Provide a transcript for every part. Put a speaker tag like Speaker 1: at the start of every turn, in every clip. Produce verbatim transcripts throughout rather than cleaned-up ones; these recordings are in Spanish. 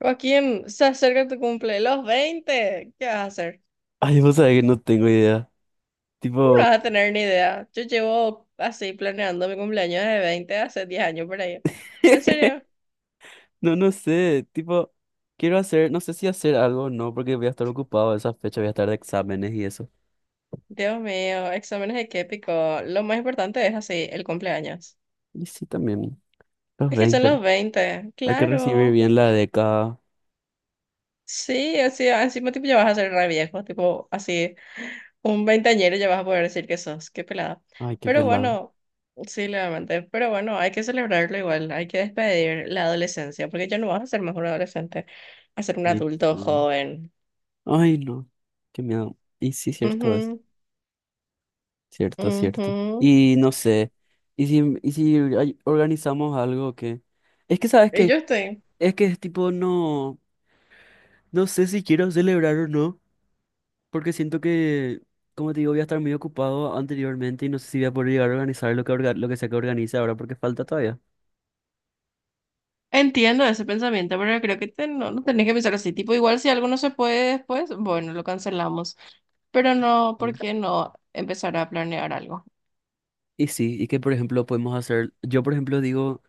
Speaker 1: Joaquín, se acerca tu cumple, los veinte, ¿qué vas a hacer?
Speaker 2: Ay, vos sabés que no tengo idea.
Speaker 1: ¿Cómo no
Speaker 2: Tipo,
Speaker 1: vas a tener ni idea? Yo llevo así planeando mi cumpleaños de veinte hace diez años por ahí. ¿En serio?
Speaker 2: no, no sé. Tipo, quiero hacer, no sé si hacer algo o no, porque voy a estar ocupado esa fecha, voy a estar de exámenes y eso.
Speaker 1: Dios mío, exámenes de qué pico. Lo más importante es así, el cumpleaños.
Speaker 2: Y sí, también, los
Speaker 1: Es que son
Speaker 2: veinte.
Speaker 1: los veinte,
Speaker 2: Hay que recibir
Speaker 1: claro.
Speaker 2: bien la década.
Speaker 1: Sí, así, encima tipo ya vas a ser re viejo, tipo así. Un veinteañero ya vas a poder decir que sos, qué pelada.
Speaker 2: Ay, qué
Speaker 1: Pero
Speaker 2: pelada.
Speaker 1: bueno, sí, levemente. Pero bueno, hay que celebrarlo igual, hay que despedir la adolescencia, porque ya no vas a ser más un adolescente, a ser un
Speaker 2: Sí,
Speaker 1: adulto
Speaker 2: sí.
Speaker 1: joven.
Speaker 2: Ay, no. Qué miedo. Y sí, cierto es.
Speaker 1: Ujú,
Speaker 2: Cierto, cierto.
Speaker 1: ujú.
Speaker 2: Y no sé. Y si, y si ay- organizamos algo que. Es que, ¿sabes
Speaker 1: Y
Speaker 2: qué?
Speaker 1: yo estoy.
Speaker 2: Es que es tipo, no. No sé si quiero celebrar o no. Porque siento que, como te digo, voy a estar muy ocupado anteriormente y no sé si voy a poder llegar a organizar lo que, orga- lo que sea que organice ahora porque falta todavía.
Speaker 1: Entiendo ese pensamiento, pero creo que te- no, no tenés que pensar así. Tipo, igual si algo no se puede después, bueno, lo cancelamos. Pero no, ¿por
Speaker 2: Mm.
Speaker 1: qué no empezar a planear algo?
Speaker 2: Y sí, y que por ejemplo podemos hacer, yo por ejemplo digo,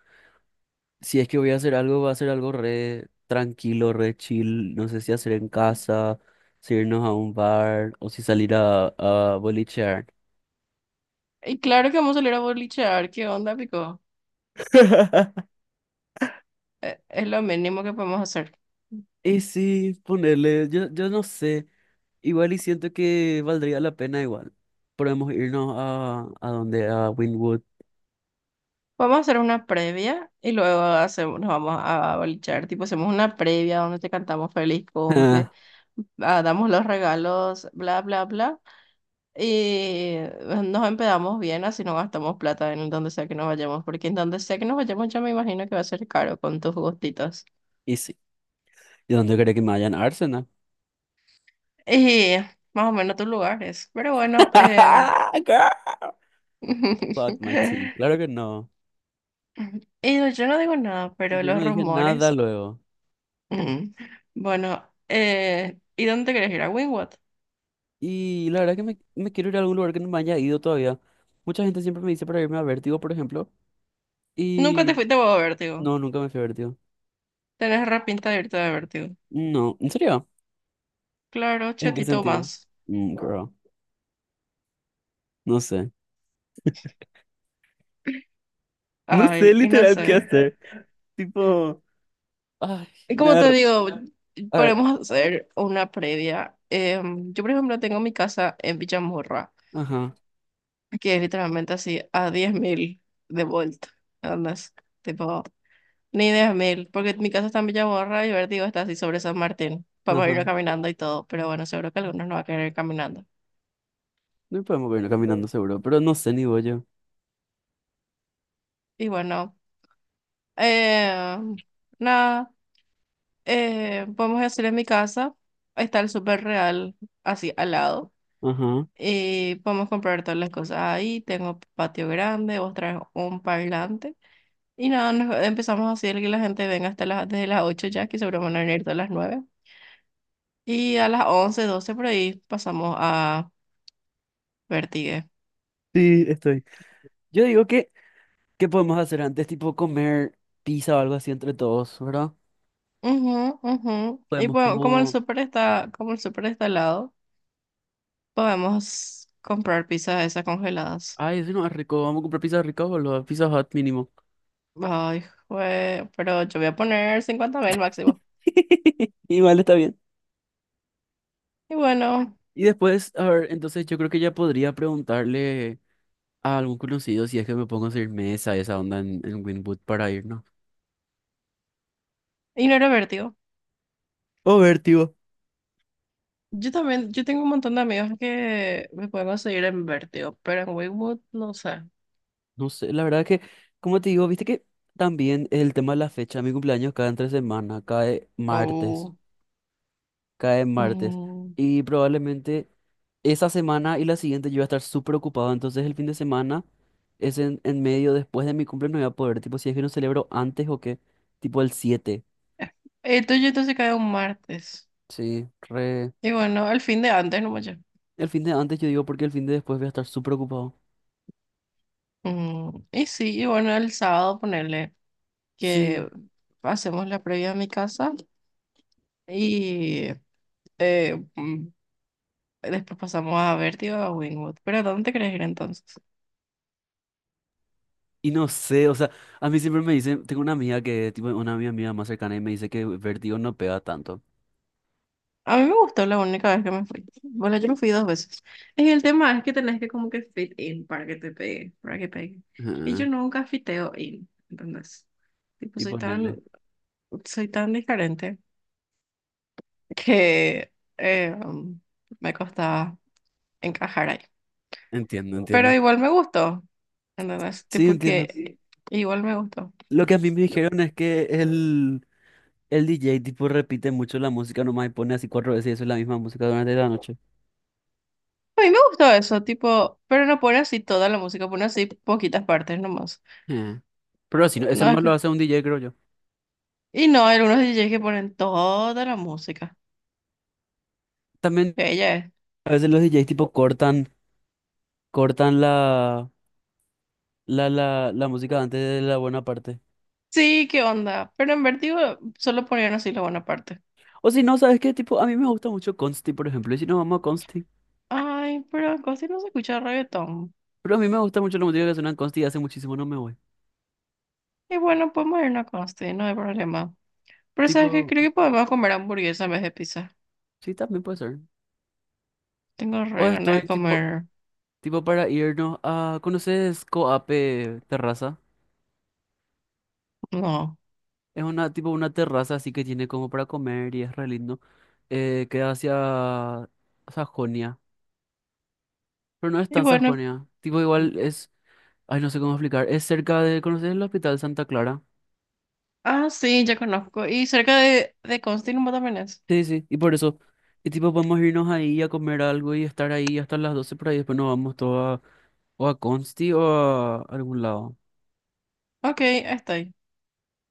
Speaker 2: si es que voy a hacer algo, va a ser algo re tranquilo, re chill, no sé si hacer en casa, si irnos a un bar o si salir a, a, bolichear.
Speaker 1: Y claro que vamos a salir a bolichear, ¿qué onda, pico? Eh, Es lo mínimo que podemos hacer.
Speaker 2: Y sí, ponerle, yo, yo no sé, igual y siento que valdría la pena igual. Podemos irnos a, a donde, a Wynwood.
Speaker 1: Vamos a hacer una previa y luego hacemos, nos vamos a bolichar. Tipo, hacemos una previa donde te cantamos feliz cumple, ah, damos los regalos, bla, bla, bla. Y nos empedamos bien, así no gastamos plata en donde sea que nos vayamos, porque en donde sea que nos vayamos yo me imagino que va a ser caro con tus gustitos.
Speaker 2: Y sí. ¿Y dónde cree que me vayan Arsenal?
Speaker 1: Y más o menos tus lugares. Pero bueno, eh...
Speaker 2: Girl, fuck my tea. Claro que no.
Speaker 1: y yo no digo nada, pero
Speaker 2: Yo no
Speaker 1: los
Speaker 2: dije
Speaker 1: rumores.
Speaker 2: nada luego.
Speaker 1: Mm. Bueno, eh, ¿y dónde te querés ir? ¿A Wingwood?
Speaker 2: Y la verdad que me, me quiero ir a algún lugar que no me haya ido todavía. Mucha gente siempre me dice para irme a Vértigo, por ejemplo.
Speaker 1: Nunca te
Speaker 2: Y
Speaker 1: fuiste a Vértigo.
Speaker 2: no, nunca me fui a Vértigo.
Speaker 1: Tenés re pinta de irte a Vértigo.
Speaker 2: No, ¿en serio?
Speaker 1: Claro,
Speaker 2: ¿En qué
Speaker 1: chetito
Speaker 2: sentido?
Speaker 1: más.
Speaker 2: Mm, girl, no sé. No sé
Speaker 1: Ay, y no
Speaker 2: literal qué
Speaker 1: sé.
Speaker 2: hacer. Tipo, ay,
Speaker 1: Y
Speaker 2: me
Speaker 1: como
Speaker 2: da...
Speaker 1: te
Speaker 2: r-
Speaker 1: digo,
Speaker 2: A ver,
Speaker 1: podemos hacer una previa. Em, yo, por ejemplo, tengo mi casa en Villamorra,
Speaker 2: ajá,
Speaker 1: que es literalmente así a diez mil de vuelta. ¿Andas? Tipo, ni diez mil porque mi casa está en Villamorra y Vértigo está así sobre San Martín. Podemos ir
Speaker 2: ajá.
Speaker 1: caminando y todo, pero bueno, seguro que algunos no va a querer ir caminando.
Speaker 2: No podemos irnos caminando seguro, pero no sé ni voy yo.
Speaker 1: Y bueno, eh, nada, eh, podemos hacer en mi casa, está el súper real así al lado
Speaker 2: Ajá.
Speaker 1: y podemos comprar todas las cosas ahí, tengo patio grande, vos traes un parlante y nada, nos- empezamos así el que la gente venga hasta las, desde las ocho ya, que seguro van a venir todas las nueve y a las once doce por ahí pasamos a Vertigue.
Speaker 2: Sí, estoy. Yo digo que, ¿qué podemos hacer antes? Tipo comer pizza o algo así entre todos, ¿verdad?
Speaker 1: Ujú, ujú. Y
Speaker 2: Podemos
Speaker 1: bueno, como el
Speaker 2: como...
Speaker 1: súper está, como el súper está al lado, podemos comprar pizzas esas congeladas.
Speaker 2: Ay, eso no es rico. Vamos a comprar pizza rica, boludo. Pizza Hut mínimo.
Speaker 1: Ay, jue- pero yo voy a poner cincuenta mil máximo.
Speaker 2: Igual está bien.
Speaker 1: Y bueno,
Speaker 2: Y después, a ver, entonces yo creo que ya podría preguntarle a algún conocido si es que me pongo a hacer mesa, esa onda en, en Winwood para irnos.
Speaker 1: y no era Vértigo.
Speaker 2: O ver, tío.
Speaker 1: Yo también, yo tengo un montón de amigos que me pueden conseguir en Vértigo, pero en Wingwood no sé.
Speaker 2: No sé, la verdad que, como te digo, viste que también el tema de la fecha, mi cumpleaños cae entre semana, cae martes,
Speaker 1: Oh,
Speaker 2: cae martes.
Speaker 1: mm.
Speaker 2: Y probablemente... Esa semana y la siguiente yo voy a estar súper ocupado, entonces el fin de semana es en, en medio, después de mi cumple no voy a poder, tipo si es que no celebro antes o qué, tipo el siete
Speaker 1: El tuyo entonces cae un martes.
Speaker 2: sí, re...
Speaker 1: Y bueno, el fin de antes, no mucho.
Speaker 2: El fin de antes yo digo porque el fin de después voy a estar súper ocupado.
Speaker 1: Mm, Y sí, y bueno, el sábado ponerle
Speaker 2: Sí,
Speaker 1: que hacemos la previa a mi casa y eh, mm, después pasamos a Vértigo a Wingwood. Pero, ¿a dónde te querés ir entonces?
Speaker 2: y no sé, o sea, a mí siempre me dicen, tengo una amiga que, tipo una amiga mía más cercana y me dice que vértigo no pega tanto.
Speaker 1: A mí me gustó la única vez que me fui. Bueno, yo me fui dos veces. Y el tema es que tenés que como que fit in para que te pegue, para que pegue. Y yo
Speaker 2: Ah,
Speaker 1: nunca fiteo in, ¿entendés? Tipo,
Speaker 2: y
Speaker 1: soy tan,
Speaker 2: ponerle.
Speaker 1: soy tan diferente que eh, um, me costaba encajar ahí.
Speaker 2: Entiendo,
Speaker 1: Pero
Speaker 2: entiendo.
Speaker 1: igual me gustó, ¿entendés?
Speaker 2: Sí,
Speaker 1: Tipo que
Speaker 2: entiendo.
Speaker 1: sí. Igual me gustó.
Speaker 2: Lo que a mí me dijeron es que el El D J tipo repite mucho la música nomás y pone así cuatro veces y eso es la misma música durante la noche.
Speaker 1: A mí me gustó eso, tipo, pero no pone así toda la música, pone así poquitas partes nomás.
Speaker 2: Eh, Pero así, no- eso
Speaker 1: No,
Speaker 2: nomás lo hace un D J, creo yo.
Speaker 1: y no, hay algunos D Js que ponen toda la música.
Speaker 2: También
Speaker 1: Ella es.
Speaker 2: a veces los D Js tipo cortan, cortan la, la, la, la música antes de la buena parte.
Speaker 1: Sí, qué onda. Pero en Vertigo solo ponían así la buena parte.
Speaker 2: O si no, ¿sabes qué? Tipo, a mí me gusta mucho Consti, por ejemplo. Y si no, vamos a Consti.
Speaker 1: Ay, pero en Costi no se escucha reggaetón.
Speaker 2: Pero a mí me gusta mucho la música que suena en Consti y hace muchísimo no me voy.
Speaker 1: Y bueno, podemos irnos a Costi, no hay problema. Pero ¿sabes qué?
Speaker 2: Tipo,
Speaker 1: Creo que podemos comer hamburguesa en vez de pizza.
Speaker 2: sí, también puede ser.
Speaker 1: Tengo
Speaker 2: O
Speaker 1: re ganas
Speaker 2: estoy
Speaker 1: de
Speaker 2: tipo,
Speaker 1: comer.
Speaker 2: tipo para irnos a... ¿Conoces Coape Terraza?
Speaker 1: No.
Speaker 2: Es una tipo una terraza así que tiene como para comer y es re lindo. Eh, queda hacia Sajonia, pero no es
Speaker 1: Y
Speaker 2: tan
Speaker 1: bueno.
Speaker 2: Sajonia. Tipo igual es, ay no sé cómo explicar, es cerca de, ¿conoces el Hospital Santa Clara?
Speaker 1: Ah, sí, ya conozco. Y cerca de, de Costi nomás también es.
Speaker 2: Sí, sí, y por eso. Y tipo podemos irnos ahí a comer algo y estar ahí hasta las doce por ahí, después nos vamos todo a, o a Consti o a algún lado.
Speaker 1: Ok, ahí estoy.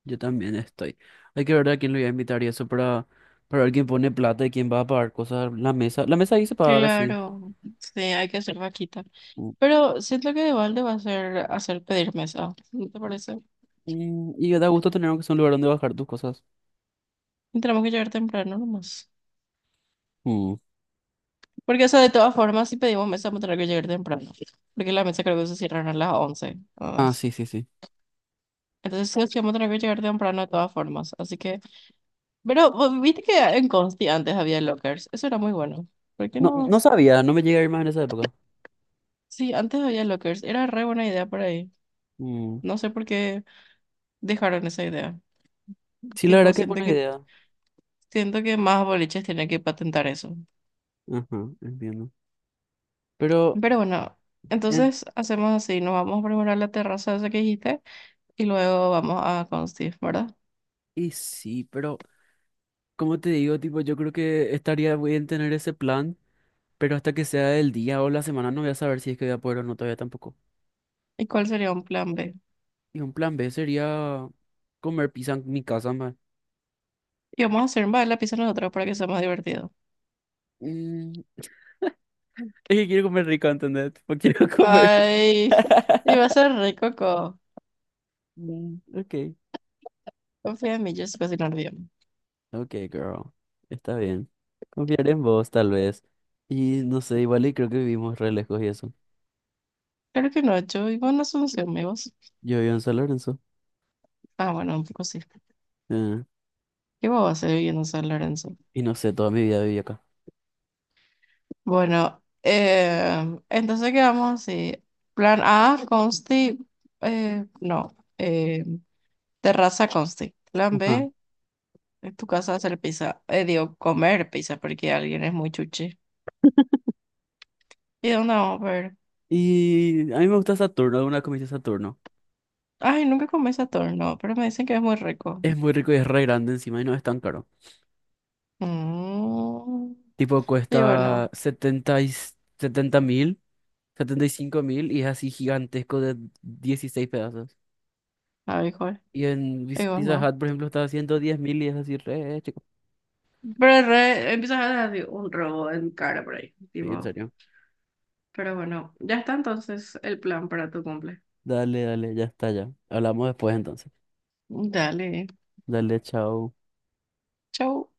Speaker 2: Yo también estoy. Hay que ver a quién lo voy a invitar y eso para, para ver quién pone plata y quién va a pagar cosas. La mesa, la mesa ahí se paga ahora sí.
Speaker 1: Claro. Sí, hay que hacer vaquita. Pero siento que de balde va a ser hacer pedir mesa, ¿no te parece?
Speaker 2: Mm, Y da gusto tener aunque sea un lugar donde bajar tus cosas.
Speaker 1: Y tenemos que llegar temprano nomás.
Speaker 2: Mm.
Speaker 1: Porque, o sea, de todas formas, si pedimos mesa, vamos a tener que llegar temprano. Porque la mesa creo que se cierran a las once nada
Speaker 2: Ah,
Speaker 1: más.
Speaker 2: sí, sí, sí.
Speaker 1: Entonces, sí, o sí, vamos a tener que llegar temprano de todas formas. Así que, pero vos viste que en Consti antes había lockers. Eso era muy bueno. ¿Por qué
Speaker 2: No,
Speaker 1: no?
Speaker 2: no sabía, no me llegué a ir más en esa época.
Speaker 1: Sí, antes había lockers. Era re buena idea por ahí.
Speaker 2: Mm.
Speaker 1: No sé por qué dejaron esa idea.
Speaker 2: Sí, la
Speaker 1: Tipo,
Speaker 2: verdad que es
Speaker 1: siento
Speaker 2: buena
Speaker 1: que,
Speaker 2: idea.
Speaker 1: siento que más boliches tienen que patentar eso.
Speaker 2: Ajá, entiendo. Pero,
Speaker 1: Pero bueno,
Speaker 2: en-
Speaker 1: entonces hacemos así, nos vamos a preparar la terraza esa que dijiste y luego vamos a Consti, ¿verdad?
Speaker 2: y sí, pero, como te digo, tipo, yo creo que estaría bien tener ese plan, pero hasta que sea el día o la semana no voy a saber si es que voy a poder o no todavía tampoco.
Speaker 1: ¿Y cuál sería un plan B?
Speaker 2: Y un plan be sería comer pizza en mi casa, man.
Speaker 1: Y vamos a hacer más la pizza nosotros para que sea más divertido.
Speaker 2: Mm, Es que quiero comer rico, ¿entendés? Porque quiero comer.
Speaker 1: Ay, y va a ser rico, Coco.
Speaker 2: Mm, ok.
Speaker 1: Confía en mí, yo sé cocinar bien.
Speaker 2: Ok, girl. Está bien. Confiaré en vos, tal vez. Y no sé, igual y creo que vivimos re lejos y eso.
Speaker 1: Claro que no, yo vivo en Asunción, amigos.
Speaker 2: Yo vivo en San Lorenzo.
Speaker 1: Ah, bueno, un poco sí.
Speaker 2: eh,
Speaker 1: ¿Qué vos vas a hacer viviendo en San Lorenzo?
Speaker 2: y no sé, toda mi vida viví acá.
Speaker 1: Bueno, eh, entonces quedamos así. Plan A, Consti, eh, no, eh, terraza Consti. Plan
Speaker 2: Ajá.
Speaker 1: B. En tu casa hacer pizza, eh, digo, comer pizza porque alguien es muy chuchi. ¿Y dónde vamos a ver?
Speaker 2: Y a mí me gusta Saturno, una comida Saturno.
Speaker 1: Ay, nunca comí ese torno, pero me dicen que es muy rico.
Speaker 2: Es muy rico y es re grande encima y no es tan caro.
Speaker 1: Mm,
Speaker 2: Tipo,
Speaker 1: y
Speaker 2: cuesta
Speaker 1: bueno,
Speaker 2: setenta y setenta mil, setenta y cinco mil y es así gigantesco de dieciséis pedazos.
Speaker 1: abijoy,
Speaker 2: Y en Bis-
Speaker 1: digo,
Speaker 2: Pizza
Speaker 1: no.
Speaker 2: Hut, por ejemplo, está a ciento diez mil y es así re chico.
Speaker 1: Pero re, empiezas a dar digo, un robo en cara por ahí,
Speaker 2: Sí, en
Speaker 1: tipo.
Speaker 2: serio.
Speaker 1: Pero bueno, ya está entonces el plan para tu cumple.
Speaker 2: Dale, dale, ya está, ya. Hablamos después entonces.
Speaker 1: Dale,
Speaker 2: Dale, chao.
Speaker 1: chau.